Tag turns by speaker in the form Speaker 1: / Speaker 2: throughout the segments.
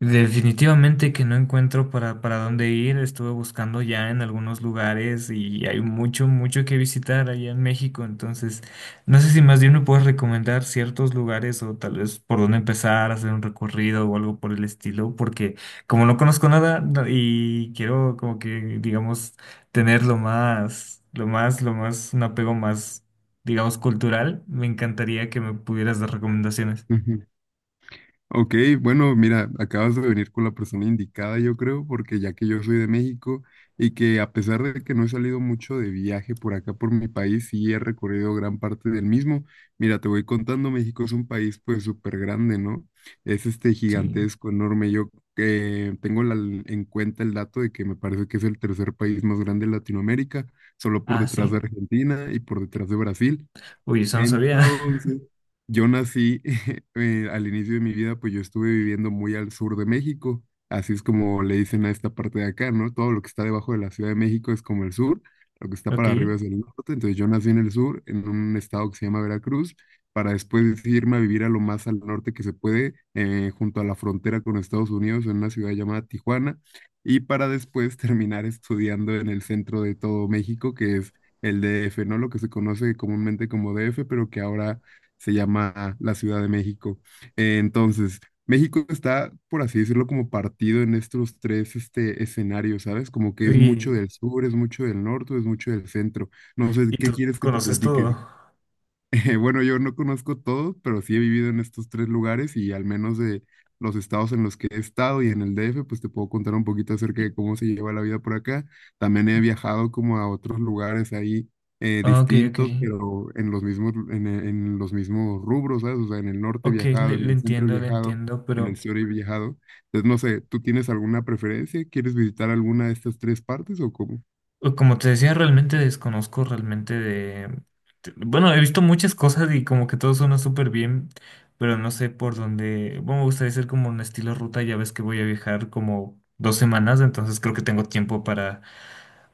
Speaker 1: Definitivamente que no encuentro para dónde ir. Estuve buscando ya en algunos lugares y hay mucho que visitar allá en México. Entonces, no sé si más bien me puedes recomendar ciertos lugares o tal vez por dónde empezar, hacer un recorrido o algo por el estilo, porque como no conozco nada y quiero como que, digamos, tener lo más, un apego más, digamos, cultural, me encantaría que me pudieras dar recomendaciones.
Speaker 2: Ujú. Ok, bueno, mira, acabas de venir con la persona indicada, yo creo, porque ya que yo soy de México y que a pesar de que no he salido mucho de viaje por acá, por mi país, sí he recorrido gran parte del mismo. Mira, te voy contando, México es un país pues súper grande, ¿no? Es este
Speaker 1: Sí.
Speaker 2: gigantesco, enorme. Yo tengo en cuenta el dato de que me parece que es el tercer país más grande de Latinoamérica, solo por
Speaker 1: Ah,
Speaker 2: detrás
Speaker 1: sí.
Speaker 2: de Argentina y por detrás de Brasil.
Speaker 1: Uy, eso no sabía.
Speaker 2: Entonces, yo nací al inicio de mi vida, pues yo estuve viviendo muy al sur de México, así es como le dicen a esta parte de acá, ¿no? Todo lo que está debajo de la Ciudad de México es como el sur, lo que está
Speaker 1: Ok.
Speaker 2: para arriba es el norte, entonces yo nací en el sur, en un estado que se llama Veracruz, para después irme a vivir a lo más al norte que se puede, junto a la frontera con Estados Unidos, en una ciudad llamada Tijuana, y para después terminar estudiando en el centro de todo México, que es el DF, ¿no? Lo que se conoce comúnmente como DF, pero que ahora se llama la Ciudad de México. Entonces, México está, por así decirlo, como partido en estos tres este, escenarios, ¿sabes? Como que es mucho
Speaker 1: Y,
Speaker 2: del sur, es mucho del norte, es mucho del centro. No sé,
Speaker 1: y
Speaker 2: ¿qué
Speaker 1: tú
Speaker 2: quieres que te
Speaker 1: conoces todo.
Speaker 2: platique? Bueno, yo no conozco todos, pero sí he vivido en estos tres lugares y al menos de los estados en los que he estado y en el DF, pues te puedo contar un poquito acerca de
Speaker 1: Y-
Speaker 2: cómo se lleva la vida por acá. También he
Speaker 1: y-
Speaker 2: viajado como a otros lugares ahí
Speaker 1: ok.
Speaker 2: distintos, pero en los mismos, en los mismos rubros, ¿sabes? O sea, en el norte he
Speaker 1: Ok,
Speaker 2: viajado,
Speaker 1: le,
Speaker 2: en
Speaker 1: le
Speaker 2: el centro he
Speaker 1: entiendo, le
Speaker 2: viajado,
Speaker 1: entiendo,
Speaker 2: en el
Speaker 1: pero
Speaker 2: sur he viajado. Entonces, no sé, ¿tú tienes alguna preferencia? ¿Quieres visitar alguna de estas tres partes o cómo?
Speaker 1: como te decía, realmente desconozco realmente de... Bueno, he visto muchas cosas y como que todo suena súper bien, pero no sé por dónde... Bueno, me gustaría hacer como un estilo ruta, ya ves que voy a viajar como 2 semanas, entonces creo que tengo tiempo para,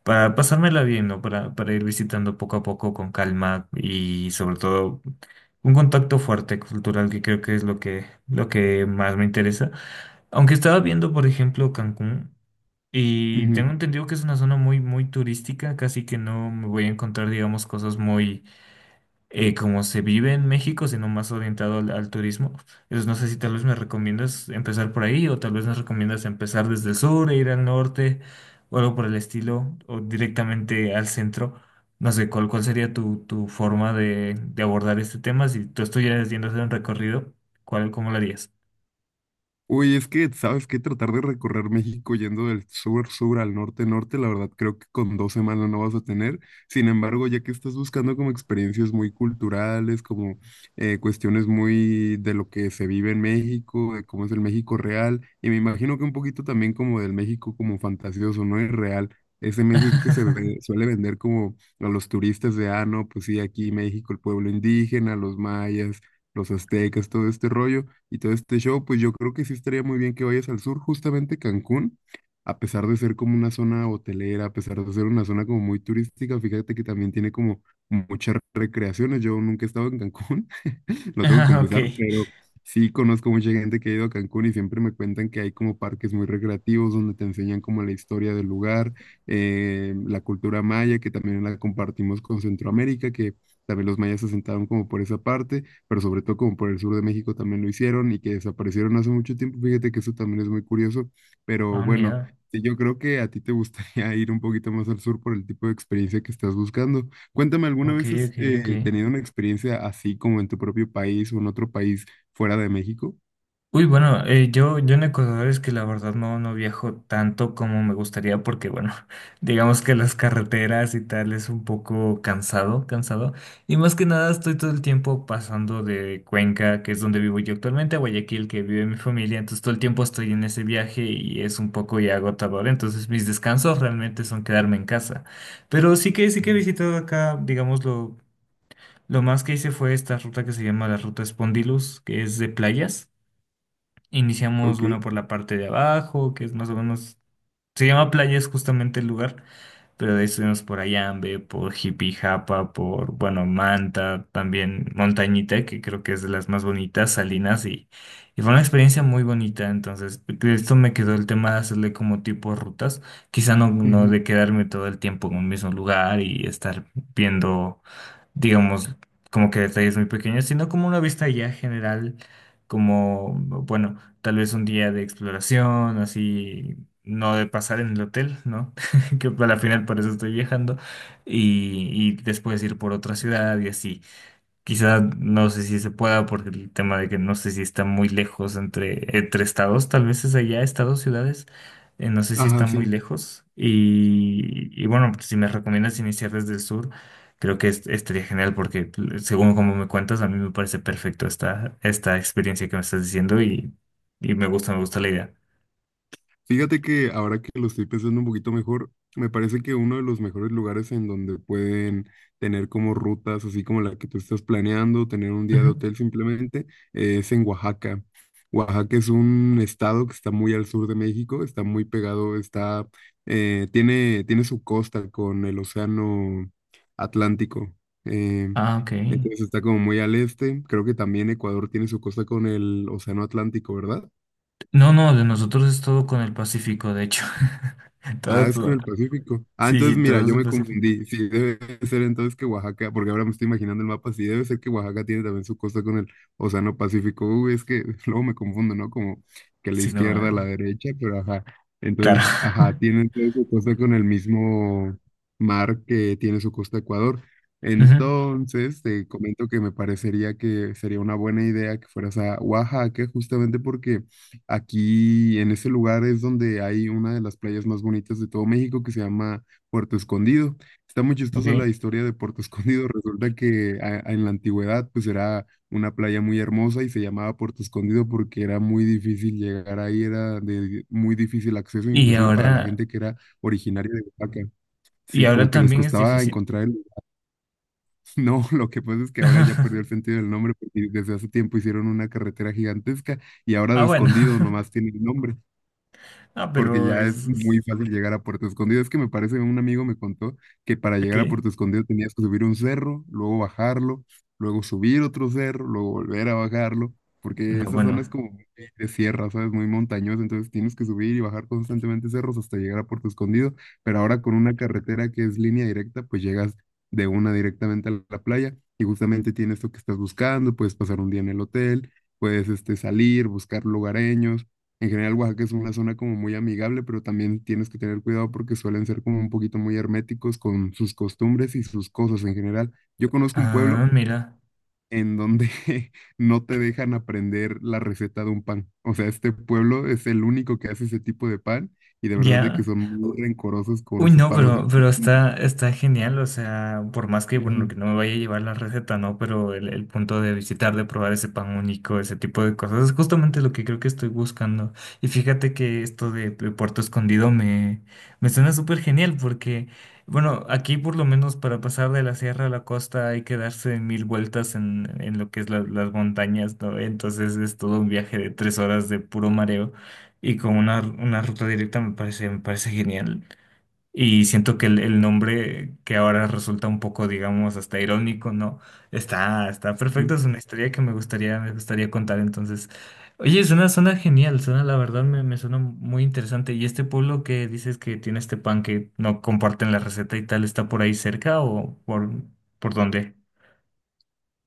Speaker 1: para pasármela bien, ¿no? Para ir visitando poco a poco con calma y sobre todo un contacto fuerte cultural que creo que es lo que más me interesa. Aunque estaba viendo, por ejemplo, Cancún y tengo entendido que es una zona muy turística, casi que no me voy a encontrar, digamos, cosas muy como se vive en México, sino más orientado al turismo. Entonces, no sé si tal vez me recomiendas empezar por ahí o tal vez me recomiendas empezar desde el sur e ir al norte o algo por el estilo o directamente al centro. No sé, ¿cuál sería tu forma de abordar este tema? Si tú estuvieras yendo a hacer un recorrido, ¿cuál, cómo lo harías?
Speaker 2: Uy, es que, ¿sabes qué? Tratar de recorrer México yendo del sur, sur al norte, norte, la verdad creo que con dos semanas no vas a tener. Sin embargo, ya que estás buscando como experiencias muy culturales, como cuestiones muy de lo que se vive en México, de cómo es el México real, y me imagino que un poquito también como del México como fantasioso, no es real. Ese México que suele vender como a los turistas de, ah, no, pues sí, aquí México, el pueblo indígena, los mayas, los aztecas, todo este rollo y todo este show, pues yo creo que sí estaría muy bien que vayas al sur, justamente Cancún, a pesar de ser como una zona hotelera, a pesar de ser una zona como muy turística, fíjate que también tiene como muchas recreaciones. Yo nunca he estado en Cancún, lo tengo que
Speaker 1: Ah, ok.
Speaker 2: confesar, pero sí conozco mucha gente que ha ido a Cancún y siempre me cuentan que hay como parques muy recreativos donde te enseñan como la historia del lugar, la cultura maya, que también la compartimos con Centroamérica, que también los mayas se sentaron como por esa parte, pero sobre todo como por el sur de México también lo hicieron y que desaparecieron hace mucho tiempo. Fíjate que eso también es muy curioso, pero
Speaker 1: Ah,
Speaker 2: bueno,
Speaker 1: mira.
Speaker 2: sí, yo creo que a ti te gustaría ir un poquito más al sur por el tipo de experiencia que estás buscando. Cuéntame, ¿alguna
Speaker 1: Ok,
Speaker 2: vez has
Speaker 1: ok, ok.
Speaker 2: tenido una experiencia así como en tu propio país o en otro país fuera de México?
Speaker 1: Uy, bueno, eh, yo en Ecuador es que la verdad no viajo tanto como me gustaría porque, bueno, digamos que las carreteras y tal es un poco cansado. Y más que nada estoy todo el tiempo pasando de Cuenca, que es donde vivo yo actualmente, a Guayaquil, que vive mi familia. Entonces todo el tiempo estoy en ese viaje y es un poco ya agotador. Entonces mis descansos realmente son quedarme en casa. Pero sí que he
Speaker 2: Mm.
Speaker 1: visitado acá, digamos, lo más que hice fue esta ruta que se llama la Ruta Spondylus, que es de playas. Iniciamos,
Speaker 2: Ok.
Speaker 1: bueno, por la parte de abajo, que es más o menos, se llama Playa, es justamente el lugar, pero de ahí estuvimos por Ayambe, por Jipijapa, por, bueno, Manta, también Montañita, que creo que es de las más bonitas, Salinas, y fue una experiencia muy bonita, entonces, de esto me quedó el tema de hacerle como tipo rutas, quizá no
Speaker 2: Ujú.
Speaker 1: de quedarme todo el tiempo en un mismo lugar y estar viendo digamos, como que detalles muy pequeños, sino como una vista ya general, como, bueno, tal vez un día de exploración, así, no de pasar en el hotel, ¿no? Que al final por eso estoy viajando, y, y después ir por otra ciudad y así. Quizá no sé si se pueda porque el tema de que no sé si está muy lejos entre estados, tal vez es allá, estados, ciudades, no sé si está
Speaker 2: Ajá,
Speaker 1: muy
Speaker 2: sí.
Speaker 1: lejos. Y bueno, pues, si me recomiendas iniciar desde el sur, creo que estaría genial porque según como me cuentas, a mí me parece perfecto esta, esta experiencia que me estás diciendo y me gusta la idea.
Speaker 2: Fíjate que ahora que lo estoy pensando un poquito mejor, me parece que uno de los mejores lugares en donde pueden tener como rutas, así como la que tú estás planeando, tener un día
Speaker 1: Ujú.
Speaker 2: de hotel simplemente, es en Oaxaca. Oaxaca es un estado que está muy al sur de México, está muy pegado, está, tiene, tiene su costa con el océano Atlántico. eh,
Speaker 1: Ah, ok.
Speaker 2: entonces está como muy al este. Creo que también Ecuador tiene su costa con el océano Atlántico, ¿verdad?
Speaker 1: No, no, de nosotros es todo con el Pacífico, de hecho.
Speaker 2: Ah,
Speaker 1: Todo,
Speaker 2: es con el
Speaker 1: todo.
Speaker 2: Pacífico. Ah,
Speaker 1: Sí, sí,
Speaker 2: entonces mira,
Speaker 1: todo es
Speaker 2: yo
Speaker 1: el
Speaker 2: me
Speaker 1: Pacífico.
Speaker 2: confundí. Sí, debe ser entonces que Oaxaca, porque ahora me estoy imaginando el mapa, sí, debe ser que Oaxaca tiene también su costa con el Océano Pacífico. Uy, es que luego me confundo, ¿no? Como que la
Speaker 1: Sí, no.
Speaker 2: izquierda, la derecha, pero ajá.
Speaker 1: Claro.
Speaker 2: Entonces, ajá, tiene entonces su costa con el mismo mar que tiene su costa Ecuador.
Speaker 1: Ujú.
Speaker 2: Entonces, te comento que me parecería que sería una buena idea que fueras a Oaxaca, justamente porque aquí en ese lugar es donde hay una de las playas más bonitas de todo México que se llama Puerto Escondido. Está muy
Speaker 1: Ok.
Speaker 2: chistosa la historia de Puerto Escondido. Resulta que en la antigüedad pues era una playa muy hermosa y se llamaba Puerto Escondido porque era muy difícil llegar ahí, era de muy difícil acceso
Speaker 1: Y
Speaker 2: inclusive para la
Speaker 1: ahora,
Speaker 2: gente que era originaria de Oaxaca.
Speaker 1: y
Speaker 2: Sí, como
Speaker 1: ahora
Speaker 2: que les
Speaker 1: también es
Speaker 2: costaba
Speaker 1: difícil.
Speaker 2: encontrar el... No, lo que pasa es que ahora ya perdió el sentido del nombre porque desde hace tiempo hicieron una carretera gigantesca y ahora
Speaker 1: Ah,
Speaker 2: de
Speaker 1: bueno.
Speaker 2: Escondido nomás tiene el nombre
Speaker 1: Ah,
Speaker 2: porque
Speaker 1: pero
Speaker 2: ya es
Speaker 1: es.
Speaker 2: muy fácil llegar a Puerto Escondido. Es que me parece, un amigo me contó que para llegar a
Speaker 1: Ok.
Speaker 2: Puerto Escondido tenías que subir un cerro, luego bajarlo, luego subir otro cerro, luego volver a bajarlo, porque
Speaker 1: No,
Speaker 2: esa zona es
Speaker 1: bueno.
Speaker 2: como muy de sierra, ¿sabes? Muy montañosa, entonces tienes que subir y bajar constantemente cerros hasta llegar a Puerto Escondido, pero ahora con una carretera que es línea directa, pues llegas de una directamente a la playa y justamente tienes lo que estás buscando, puedes pasar un día en el hotel, puedes este, salir, buscar lugareños en general. Oaxaca es una zona como muy amigable, pero también tienes que tener cuidado porque suelen ser como un poquito muy herméticos con sus costumbres y sus cosas en general. Yo conozco un pueblo
Speaker 1: Ah, mira.
Speaker 2: en donde no te dejan aprender la receta de un pan. O sea, este pueblo es el único que hace ese tipo de pan y de verdad de que
Speaker 1: Ya.
Speaker 2: son muy rencorosos con
Speaker 1: Uy,
Speaker 2: su
Speaker 1: no,
Speaker 2: pan. O sea,
Speaker 1: pero está, está genial, o sea, por más que, bueno, que
Speaker 2: ujú,
Speaker 1: no me vaya a llevar la receta, ¿no? Pero el punto de visitar, de probar ese pan único, ese tipo de cosas, es justamente lo que creo que estoy buscando. Y fíjate que esto de Puerto Escondido me, me suena súper genial porque, bueno, aquí por lo menos para pasar de la sierra a la costa hay que darse mil vueltas en lo que es las montañas, ¿no? Entonces es todo un viaje de 3 horas de puro mareo. Y con una ruta directa me parece genial. Y siento que el nombre que ahora resulta un poco, digamos, hasta irónico, ¿no? Está, está perfecto,
Speaker 2: ujú.
Speaker 1: es una historia que me gustaría contar. Entonces, oye, suena, suena genial, suena, la verdad, me suena muy interesante. ¿Y este pueblo que dices que tiene este pan que no comparten la receta y tal, está por ahí cerca o por dónde?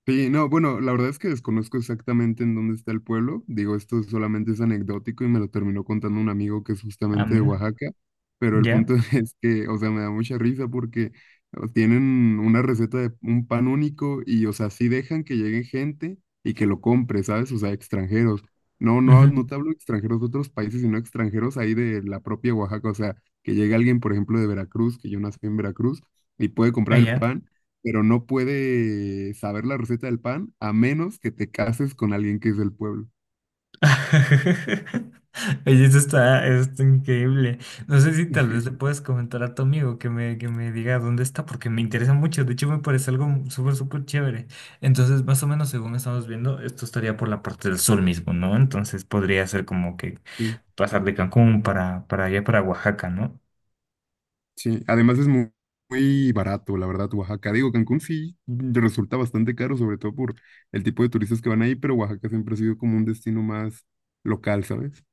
Speaker 2: Sí, no, bueno, la verdad es que desconozco exactamente en dónde está el pueblo. Digo, esto solamente es anecdótico y me lo terminó contando un amigo que es
Speaker 1: Ah,
Speaker 2: justamente de
Speaker 1: mira,
Speaker 2: Oaxaca. Pero el
Speaker 1: ya,
Speaker 2: punto es que, o sea, me da mucha risa porque tienen una receta de un pan único y, o sea, sí dejan que llegue gente y que lo compre, ¿sabes? O sea, extranjeros. No, no,
Speaker 1: ujú.
Speaker 2: no te hablo de extranjeros de otros países, sino extranjeros ahí de la propia Oaxaca. O sea, que llegue alguien, por ejemplo, de Veracruz, que yo nací en Veracruz, y puede comprar el
Speaker 1: Allá.
Speaker 2: pan pero no puede saber la receta del pan a menos que te cases con alguien que es del pueblo.
Speaker 1: Oye, eso está, está increíble. No sé si tal vez le puedes comentar a tu amigo que me diga dónde está, porque me interesa mucho. De hecho, me parece algo súper, súper chévere. Entonces, más o menos, según estamos viendo, esto estaría por la parte del sur mismo, ¿no? Entonces, podría ser como que
Speaker 2: Sí,
Speaker 1: pasar de Cancún para allá, para Oaxaca, ¿no?
Speaker 2: sí. Además es muy barato, la verdad, Oaxaca. Digo, Cancún sí resulta bastante caro, sobre todo por el tipo de turistas que van ahí, pero Oaxaca siempre ha sido como un destino más local, ¿sabes?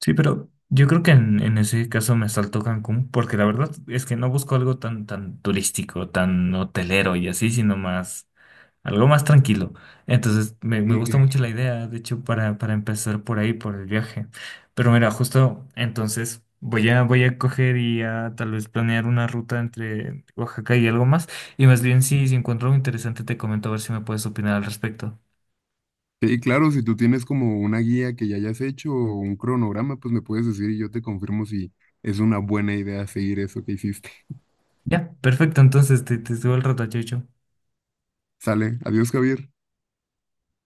Speaker 1: Sí, pero yo creo que en ese caso me saltó Cancún, porque la verdad es que no busco algo tan, tan turístico, tan hotelero y así, sino más. Algo más tranquilo. Entonces, me gusta
Speaker 2: Entiendo.
Speaker 1: mucho la idea, de hecho, para empezar por ahí, por el viaje. Pero mira, justo entonces voy a, voy a coger y a tal vez planear una ruta entre Oaxaca y algo más. Y más bien, si, si encuentro algo interesante, te comento a ver si me puedes opinar al respecto.
Speaker 2: Sí, claro, si tú tienes como una guía que ya hayas hecho o un cronograma, pues me puedes decir y yo te confirmo si es una buena idea seguir eso que hiciste.
Speaker 1: Ya, perfecto. Entonces, te subo el rato, chau, chau.
Speaker 2: Sale, adiós, Javier.